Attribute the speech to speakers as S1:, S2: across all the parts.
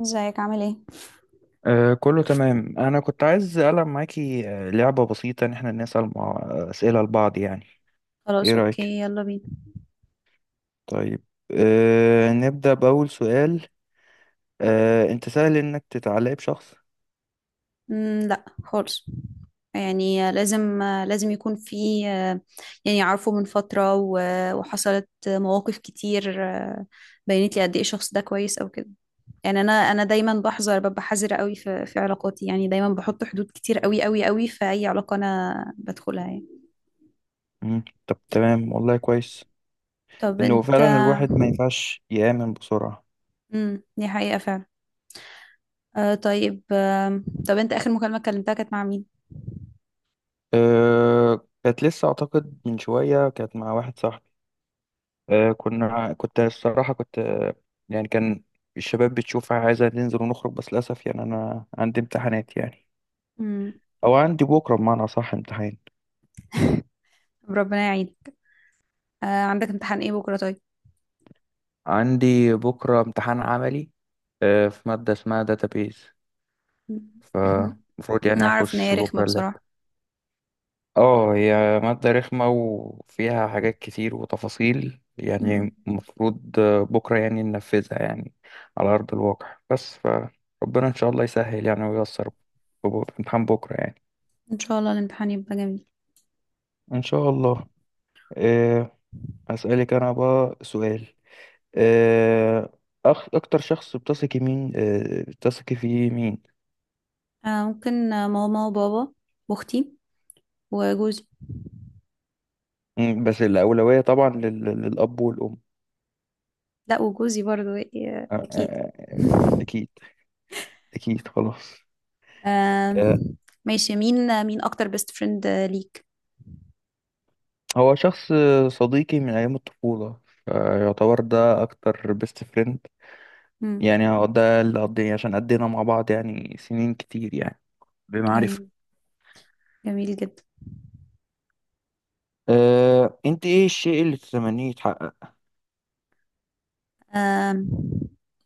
S1: ازيك؟ عامل ايه؟
S2: كله تمام، انا كنت عايز العب معاكي لعبه بسيطه ان احنا نسال مع اسئله لبعض يعني. ايه
S1: خلاص،
S2: رايك؟
S1: اوكي، يلا بينا.
S2: طيب. نبدا باول سؤال. انت سهل انك تتعلق بشخص؟
S1: مم، لا خالص. يعني لازم يكون في. يعني عارفه من فترة و- وحصلت مواقف كتير بينت لي قد ايه الشخص ده كويس او كده. يعني انا دايما بحذر، ببقى حذرة قوي في علاقاتي. يعني دايما بحط حدود كتير قوي قوي قوي في اي علاقة انا بدخلها، يعني.
S2: مم. طب تمام، والله كويس
S1: طب
S2: انه
S1: انت؟
S2: فعلا الواحد ما ينفعش يامن بسرعه.
S1: دي حقيقة فعلا. طيب، طب انت، اخر مكالمة كلمتها كانت مع مين؟
S2: كانت لسه، اعتقد من شويه كانت مع واحد صاحبي. كنت الصراحه كنت يعني كان الشباب بتشوف عايزه ننزل ونخرج، بس للاسف يعني انا عندي امتحانات يعني.
S1: امم.
S2: او عندي بكره بمعنى صح امتحان.
S1: ربنا يعينك. عندك امتحان ايه بكرة، طيب؟
S2: عندي بكره امتحان عملي، في ماده اسمها داتابيز، فمفروض يعني
S1: نعرف ان هي
S2: اخش
S1: رخمة،
S2: بكره اللاب.
S1: بصراحة.
S2: اه هي ماده رخمه وفيها حاجات كتير وتفاصيل،
S1: مم.
S2: يعني المفروض بكره يعني ننفذها يعني على ارض الواقع، بس فربنا ان شاء الله يسهل يعني وييسر في في امتحان بكره يعني.
S1: ان شاء الله الامتحان يبقى جميل.
S2: ان شاء الله. أه هسألك انا بقى سؤال. آه، أكتر شخص بتثقي مين آه، بتثقي فيه مين؟
S1: ممكن ماما وبابا، واختي، وجوزي.
S2: بس الأولوية طبعا للأب والأم.
S1: لا، وجوزي برضو،
S2: آه،
S1: اكيد.
S2: آه، آه، أكيد، أكيد خلاص.
S1: آه.
S2: آه،
S1: ماشي. مين اكتر بيست فريند ليك؟
S2: هو شخص صديقي من أيام الطفولة، يعتبر ده أكتر بيست فريند،
S1: مم.
S2: يعني هو ده اللي عشان قضينا مع بعض يعني سنين كتير يعني، بمعرفة.
S1: جميل. جميل جدا.
S2: أنت إيه الشيء اللي تتمنيه يتحقق؟
S1: آه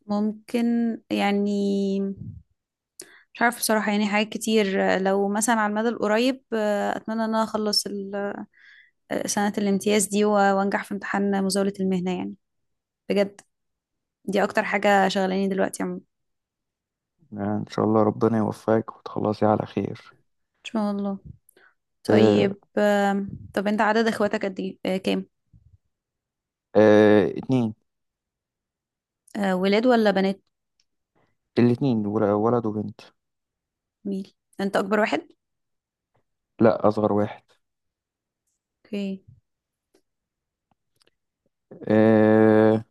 S1: ممكن، يعني مش عارفة بصراحة، يعني حاجات كتير. لو مثلا على المدى القريب أتمنى إن أنا أخلص سنة الامتياز دي و- وانجح في امتحان مزاولة المهنة، يعني بجد. دي اكتر حاجة شغلاني دلوقتي عموما. ان
S2: إن شاء الله ربنا يوفقك وتخلصي على خير.
S1: شاء الله.
S2: أه
S1: طيب، طب انت، عدد اخواتك قد ايه، كام؟
S2: أه اتنين.
S1: ولاد ولا بنات؟
S2: الاتنين ولد وبنت.
S1: ميل. انت اكبر واحد؟
S2: لا، اصغر واحد.
S1: اوكي.
S2: آه...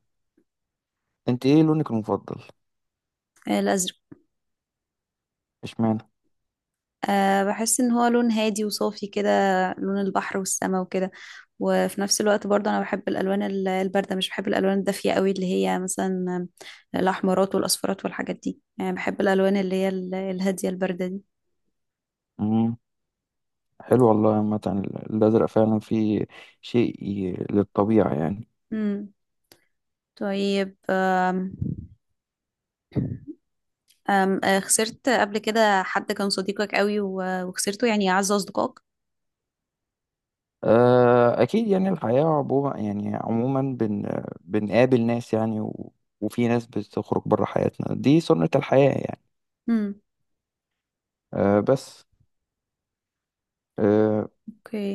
S2: انت ايه لونك المفضل؟
S1: الازرق.
S2: اشمعنى؟
S1: أه، بحس ان هو لون هادي وصافي كده، لون البحر والسماء وكده. وفي نفس الوقت برضه انا بحب الالوان ال- البارده. مش بحب الالوان الدافيه قوي، اللي هي مثلا الاحمرات والاصفرات والحاجات دي. يعني بحب الالوان اللي هي ال- الهاديه البارده
S2: امم حلو والله، عامة الازرق فعلا فيه شيء للطبيعة يعني.
S1: دي. طيب، أم أم آه، خسرت قبل كده حد كان صديقك قوي و- وخسرته، يعني أعز أصدقائك؟
S2: اكيد، يعني الحياة عموما، يعني عموما بنقابل ناس يعني، وفي ناس بتخرج بره حياتنا، دي سنة الحياة يعني.
S1: امم.
S2: بس آه...
S1: اوكي.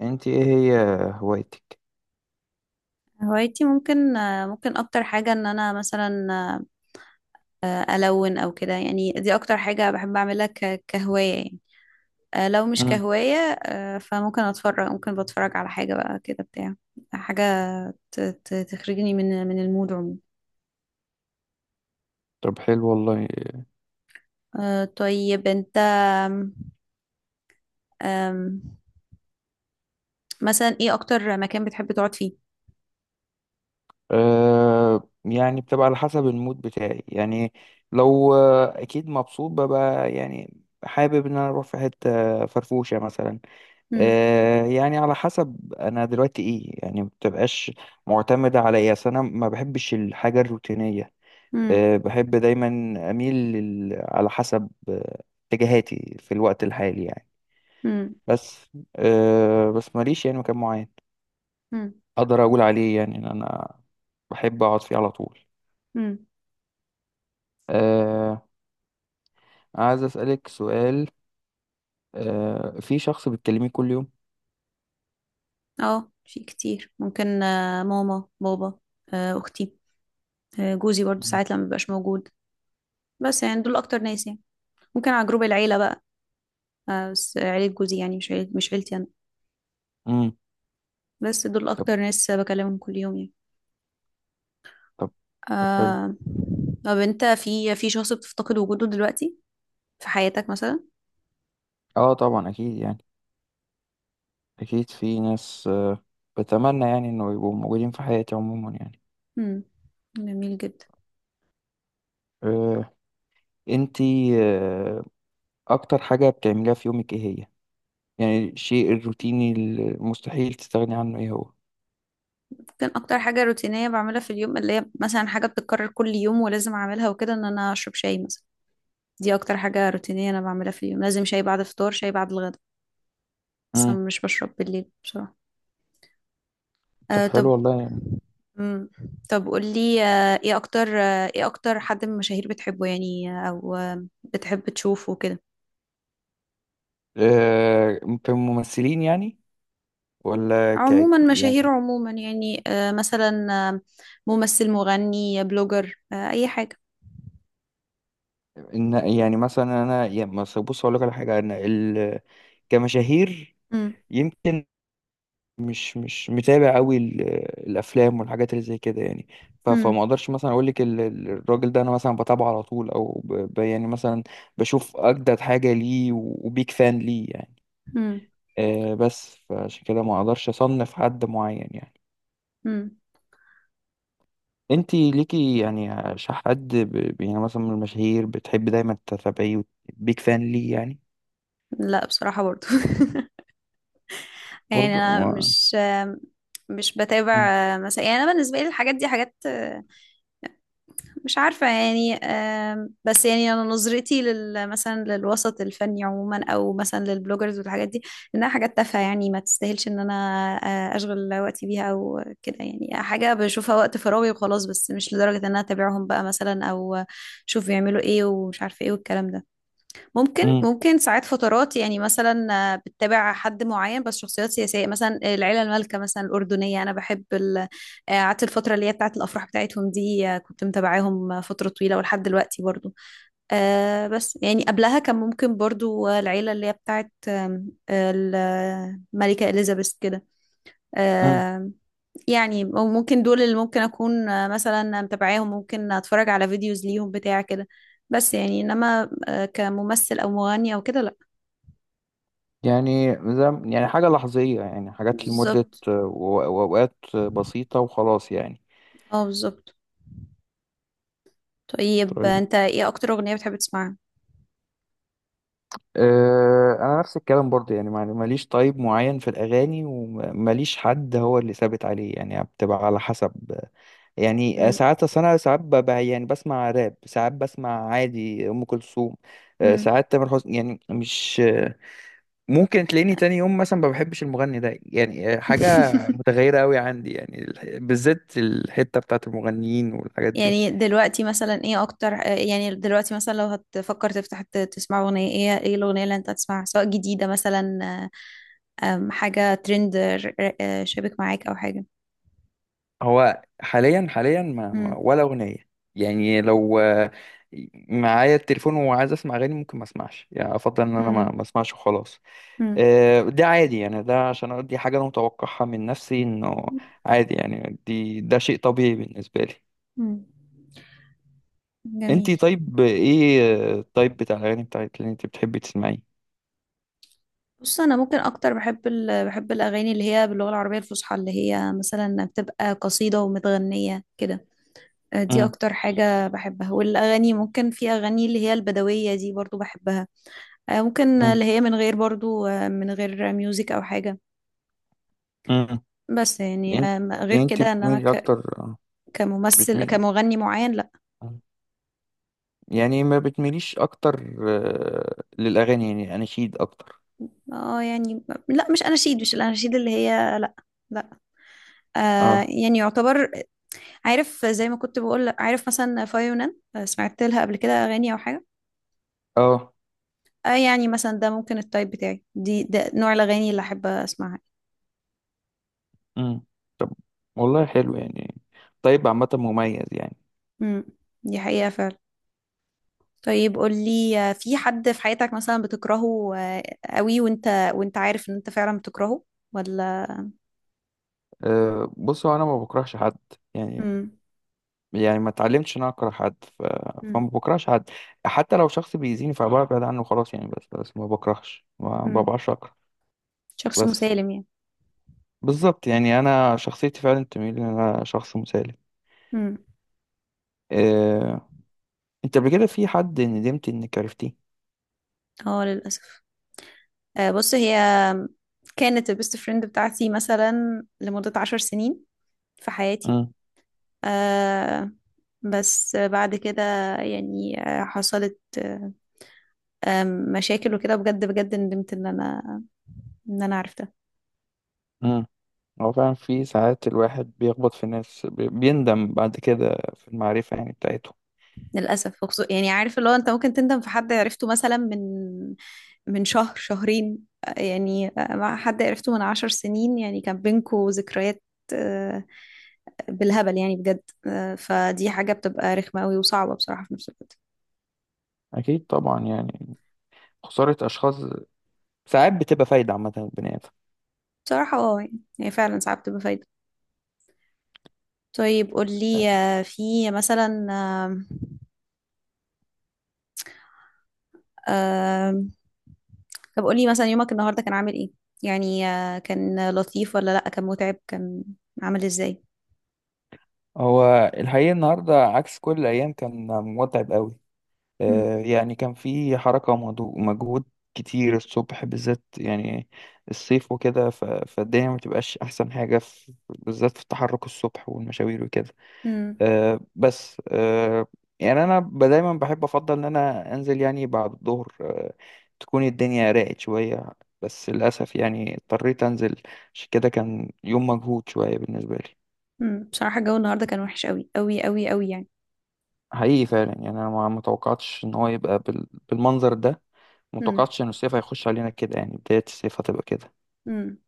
S2: انت ايه هي هوايتك؟
S1: هوايتي، ممكن أكتر حاجة إن أنا مثلا ألون أو كده. يعني دي أكتر حاجة بحب أعملها ك- كهواية، يعني. لو مش
S2: امم
S1: كهواية فممكن أتفرج، ممكن بتفرج على حاجة بقى كده، بتاع حاجة ت- ت- تخرجني من المود عموما.
S2: طب حلو والله.
S1: طيب أنت، أم، مثلا ايه اكتر مكان بتحب تقعد فيه؟
S2: يعني بتبقى على حسب المود بتاعي يعني. لو اكيد مبسوط ببقى يعني حابب ان انا اروح في حته فرفوشه مثلا.
S1: امم.
S2: يعني على حسب انا دلوقتي ايه يعني، ما بتبقاش معتمده على ايه، أصل انا ما بحبش الحاجه الروتينيه.
S1: امم.
S2: بحب دايما اميل على حسب اتجاهاتي في الوقت الحالي يعني.
S1: امم.
S2: بس بس ماليش يعني مكان معين
S1: امم.
S2: اقدر اقول عليه يعني ان انا بحب اقعد فيه على طول.
S1: امم.
S2: آه عايز أسألك سؤال. في شخص بتكلميه كل يوم؟
S1: اه، في كتير، ممكن ماما بابا، اختي، جوزي برضو
S2: مم.
S1: ساعات لما بيبقاش موجود. بس يعني دول اكتر ناس، يعني ممكن على جروب العيله بقى. بس عيله جوزي، يعني مش عيلتي انا.
S2: امم
S1: بس دول
S2: طب
S1: اكتر ناس بكلمهم كل يوم، يعني
S2: طب طب حلو.
S1: آه. طب انت، في شخص بتفتقد وجوده دلوقتي في حياتك مثلا؟
S2: اه طبعا اكيد يعني، اكيد في ناس بتمنى يعني انه يبقوا موجودين في حياتي عموما يعني.
S1: امم. جميل جدا.
S2: آه انتي، اكتر حاجة بتعمليها في يومك ايه هي؟ يعني الشيء الروتيني المستحيل تستغني عنه ايه هو؟
S1: كان اكتر حاجه روتينيه بعملها في اليوم، اللي هي مثلا حاجه بتتكرر كل يوم ولازم اعملها وكده، ان انا اشرب شاي مثلا. دي اكتر حاجه روتينيه انا بعملها في اليوم. لازم شاي بعد الفطار، شاي بعد الغدا. بس
S2: امم
S1: أنا مش بشرب بالليل، بصراحه.
S2: طب حلو
S1: طب.
S2: والله يعني.
S1: مم. طب قولي، ايه اكتر حد من المشاهير بتحبه، يعني، او بتحب تشوفه كده؟
S2: آه في الممثلين يعني؟ ولا
S1: عموما مشاهير،
S2: يعني؟
S1: عموما يعني مثلا ممثل، مغني، بلوجر، اي حاجة.
S2: إن يعني مثلا انا يعني مثلا بص اقول لك على حاجه انا كمشاهير،
S1: مم.
S2: يمكن مش متابع قوي الافلام والحاجات اللي زي كده يعني.
S1: مم.
S2: فما اقدرش مثلا اقول لك الراجل ده انا مثلا بتابعه على طول، او يعني مثلا بشوف اجدد حاجه ليه وبيك فان ليه يعني.
S1: مم.
S2: بس فعشان كده ما اقدرش اصنف حد معين يعني.
S1: مم.
S2: انت ليكي يعني حد يعني مثلا من المشاهير بتحب دايما تتابعيه، بيك فان ليه يعني؟
S1: لا بصراحة، برضو. يعني
S2: برضه
S1: انا مش بتابع،
S2: ما...
S1: مثلا. يعني انا بالنسبه لي الحاجات دي حاجات، مش عارفه، يعني بس يعني انا نظرتي مثلا للوسط الفني عموما، او مثلا للبلوجرز والحاجات دي، انها حاجات تافهه، يعني ما تستاهلش ان انا اشغل وقتي بيها او كده. يعني حاجه بشوفها وقت فراغي وخلاص، بس مش لدرجه ان انا اتابعهم بقى مثلا، او اشوف بيعملوا ايه ومش عارفه ايه والكلام ده. ممكن
S2: مم.
S1: ممكن ساعات فترات يعني، مثلا. بتتابع حد معين. بس شخصيات سياسية، مثلا العيلة المالكة مثلا الأردنية، أنا بحب، قعدت الفترة اللي هي بتاعت الأفراح بتاعتهم دي، كنت متابعاهم فترة طويلة ولحد دلوقتي برضو. بس يعني قبلها كان ممكن برضو العيلة اللي هي بتاعت آم، آه، الملكة إليزابيث كده.
S2: مم.
S1: آه. يعني ممكن دول اللي ممكن اكون مثلا متابعاهم، ممكن اتفرج على فيديوز ليهم بتاع كده. بس يعني انما كممثل او مغني او كده، لا.
S2: يعني زي يعني حاجة لحظية، يعني حاجات لمدة
S1: بالظبط.
S2: وأوقات بسيطة وخلاص يعني.
S1: اه بالظبط. طيب،
S2: طيب.
S1: انت ايه اكتر اغنية بتحب تسمعها؟
S2: أنا نفس الكلام برضه يعني، ماليش طيب معين في الأغاني، وماليش حد هو اللي ثابت عليه، يعني بتبقى على حسب، يعني
S1: مم.
S2: ساعات أصل أنا ساعات يعني بسمع راب، ساعات بسمع عادي أم كلثوم.
S1: مم.
S2: ساعات تامر حسني يعني، مش ممكن تلاقيني تاني يوم مثلا ما بحبش المغني ده يعني، حاجة متغيرة قوي عندي يعني، بالذات الحتة بتاعت المغنيين والحاجات دي.
S1: يعني دلوقتي مثلا، ايه اكتر آه، يعني دلوقتي مثلا لو هتفكر تفتح تسمع اغنية، ايه الاغنية اللي انت هتسمعها؟ سواء جديدة مثلا، آه، آم، حاجة ترند، شابك معاك، او حاجة.
S2: هو حاليا
S1: مم.
S2: ولا أغنية، يعني لو معايا التليفون وعايز اسمع اغاني ممكن ما اسمعش، يعني افضل ان انا
S1: مم.
S2: ما اسمعش وخلاص.
S1: مم.
S2: ده عادي يعني، ده عشان دي حاجة انا متوقعها من نفسي، انه عادي، يعني ده شيء طبيعي بالنسبة لي.
S1: مم. جميل.
S2: انتي طيب، ايه الطيب بتاع الاغاني بتاعت اللي انت بتحبي تسمعيه؟
S1: بص، انا ممكن اكتر بحب الاغاني اللي هي باللغه العربيه الفصحى، اللي هي مثلا بتبقى قصيده ومتغنيه كده. دي اكتر حاجه بحبها. والاغاني، ممكن في اغاني اللي هي البدويه دي برضو بحبها. ممكن
S2: مم.
S1: اللي هي من غير، برضو من غير ميوزك او حاجه.
S2: امم
S1: بس يعني
S2: يعني
S1: غير
S2: يعني انت
S1: كده، انما
S2: بتميلي اكتر
S1: كممثل،
S2: بتميلي
S1: كمغني معين، لا.
S2: آه. يعني ما بتميليش اكتر للاغاني يعني اناشيد اكتر؟
S1: اه، يعني. لا، مش الاناشيد اللي هي، لا. لا. آه،
S2: اه
S1: يعني يعتبر. عارف، زي ما كنت بقول، عارف مثلا فايونان، سمعت لها قبل كده اغاني او حاجه.
S2: اه.
S1: اه، يعني مثلا ده ممكن التايب بتاعي دي، ده نوع الاغاني اللي احب اسمعها.
S2: امم والله حلو يعني، طيب عامه مميز يعني.
S1: امم. دي حقيقه فعلا. طيب قولي، في حد في حياتك مثلا بتكرهه قوي، وانت عارف ان انت فعلا بتكرهه، ولا؟
S2: بص هو انا ما بكرهش حد، يعني
S1: امم.
S2: يعني ما اتعلمتش ان انا اكره حد فما
S1: امم.
S2: بكرهش حد، حتى لو شخص بيأذيني فببعد عنه خلاص يعني، بس ما
S1: امم.
S2: ببقاش اكره،
S1: شخص
S2: بس
S1: مسالم، يعني.
S2: بالظبط يعني انا شخصيتي فعلا تميل ان انا شخص مسالم.
S1: امم.
S2: آه، انت قبل كده في حد ندمت انك عرفتيه؟
S1: اه للاسف. بص، هي كانت البيست فريند بتاعتي مثلا لمده 10 سنين في حياتي.
S2: امم
S1: آه. بس بعد كده، يعني حصلت آه، مشاكل وكده. بجد بجد ندمت ان انا عرفتها.
S2: امم هو فعلا في ساعات الواحد بيخبط في ناس بيندم بعد كده في المعرفة يعني بتاعتهم.
S1: للاسف. يعني عارف اللي هو، انت ممكن تندم في حد عرفته مثلا من شهر شهرين، يعني مع حد عرفته من 10 سنين يعني، كان بينكوا ذكريات آه، بالهبل يعني، بجد. فدي حاجة بتبقى رخمة قوي وصعبة بصراحة في نفس الوقت.
S2: أكيد طبعا يعني، خسارة أشخاص ساعات بتبقى فايدة عامة للبني آدم.
S1: بصراحة، اه يعني هي فعلا ساعات بتبقى فايدة. طيب قولي، في مثلا آه، طب قولي مثلا، يومك النهاردة كان عامل ايه؟ يعني كان لطيف ولا لأ؟ كان متعب، كان عامل ازاي؟
S2: هو الحقيقة النهاردة عكس كل الأيام، كان متعب قوي،
S1: مم.
S2: يعني كان في حركة ومجهود كتير الصبح بالذات يعني، الصيف وكده، فالدنيا ما بتبقاش أحسن حاجة في بالذات في التحرك الصبح والمشاوير وكده.
S1: مم.
S2: بس يعني انا دايما بحب افضل ان انا انزل يعني بعد الظهر تكون الدنيا راقت شويه، بس للاسف يعني اضطريت انزل، عشان كده كان يوم مجهود شويه بالنسبه لي.
S1: مم. بصراحة الجو النهاردة كان وحش قوي قوي قوي قوي، يعني.
S2: حقيقي فعلا، يعني انا ما توقعتش ان هو يبقى بالمنظر ده، ما
S1: مم.
S2: توقعتش ان الصيف هيخش علينا كده، يعني بدايه الصيف هتبقى كده.
S1: مم.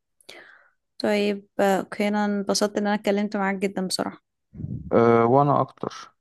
S1: طيب، اوكي. انا انبسطت ان انا اتكلمت معاك جدا، بصراحة.
S2: وانا اكتر.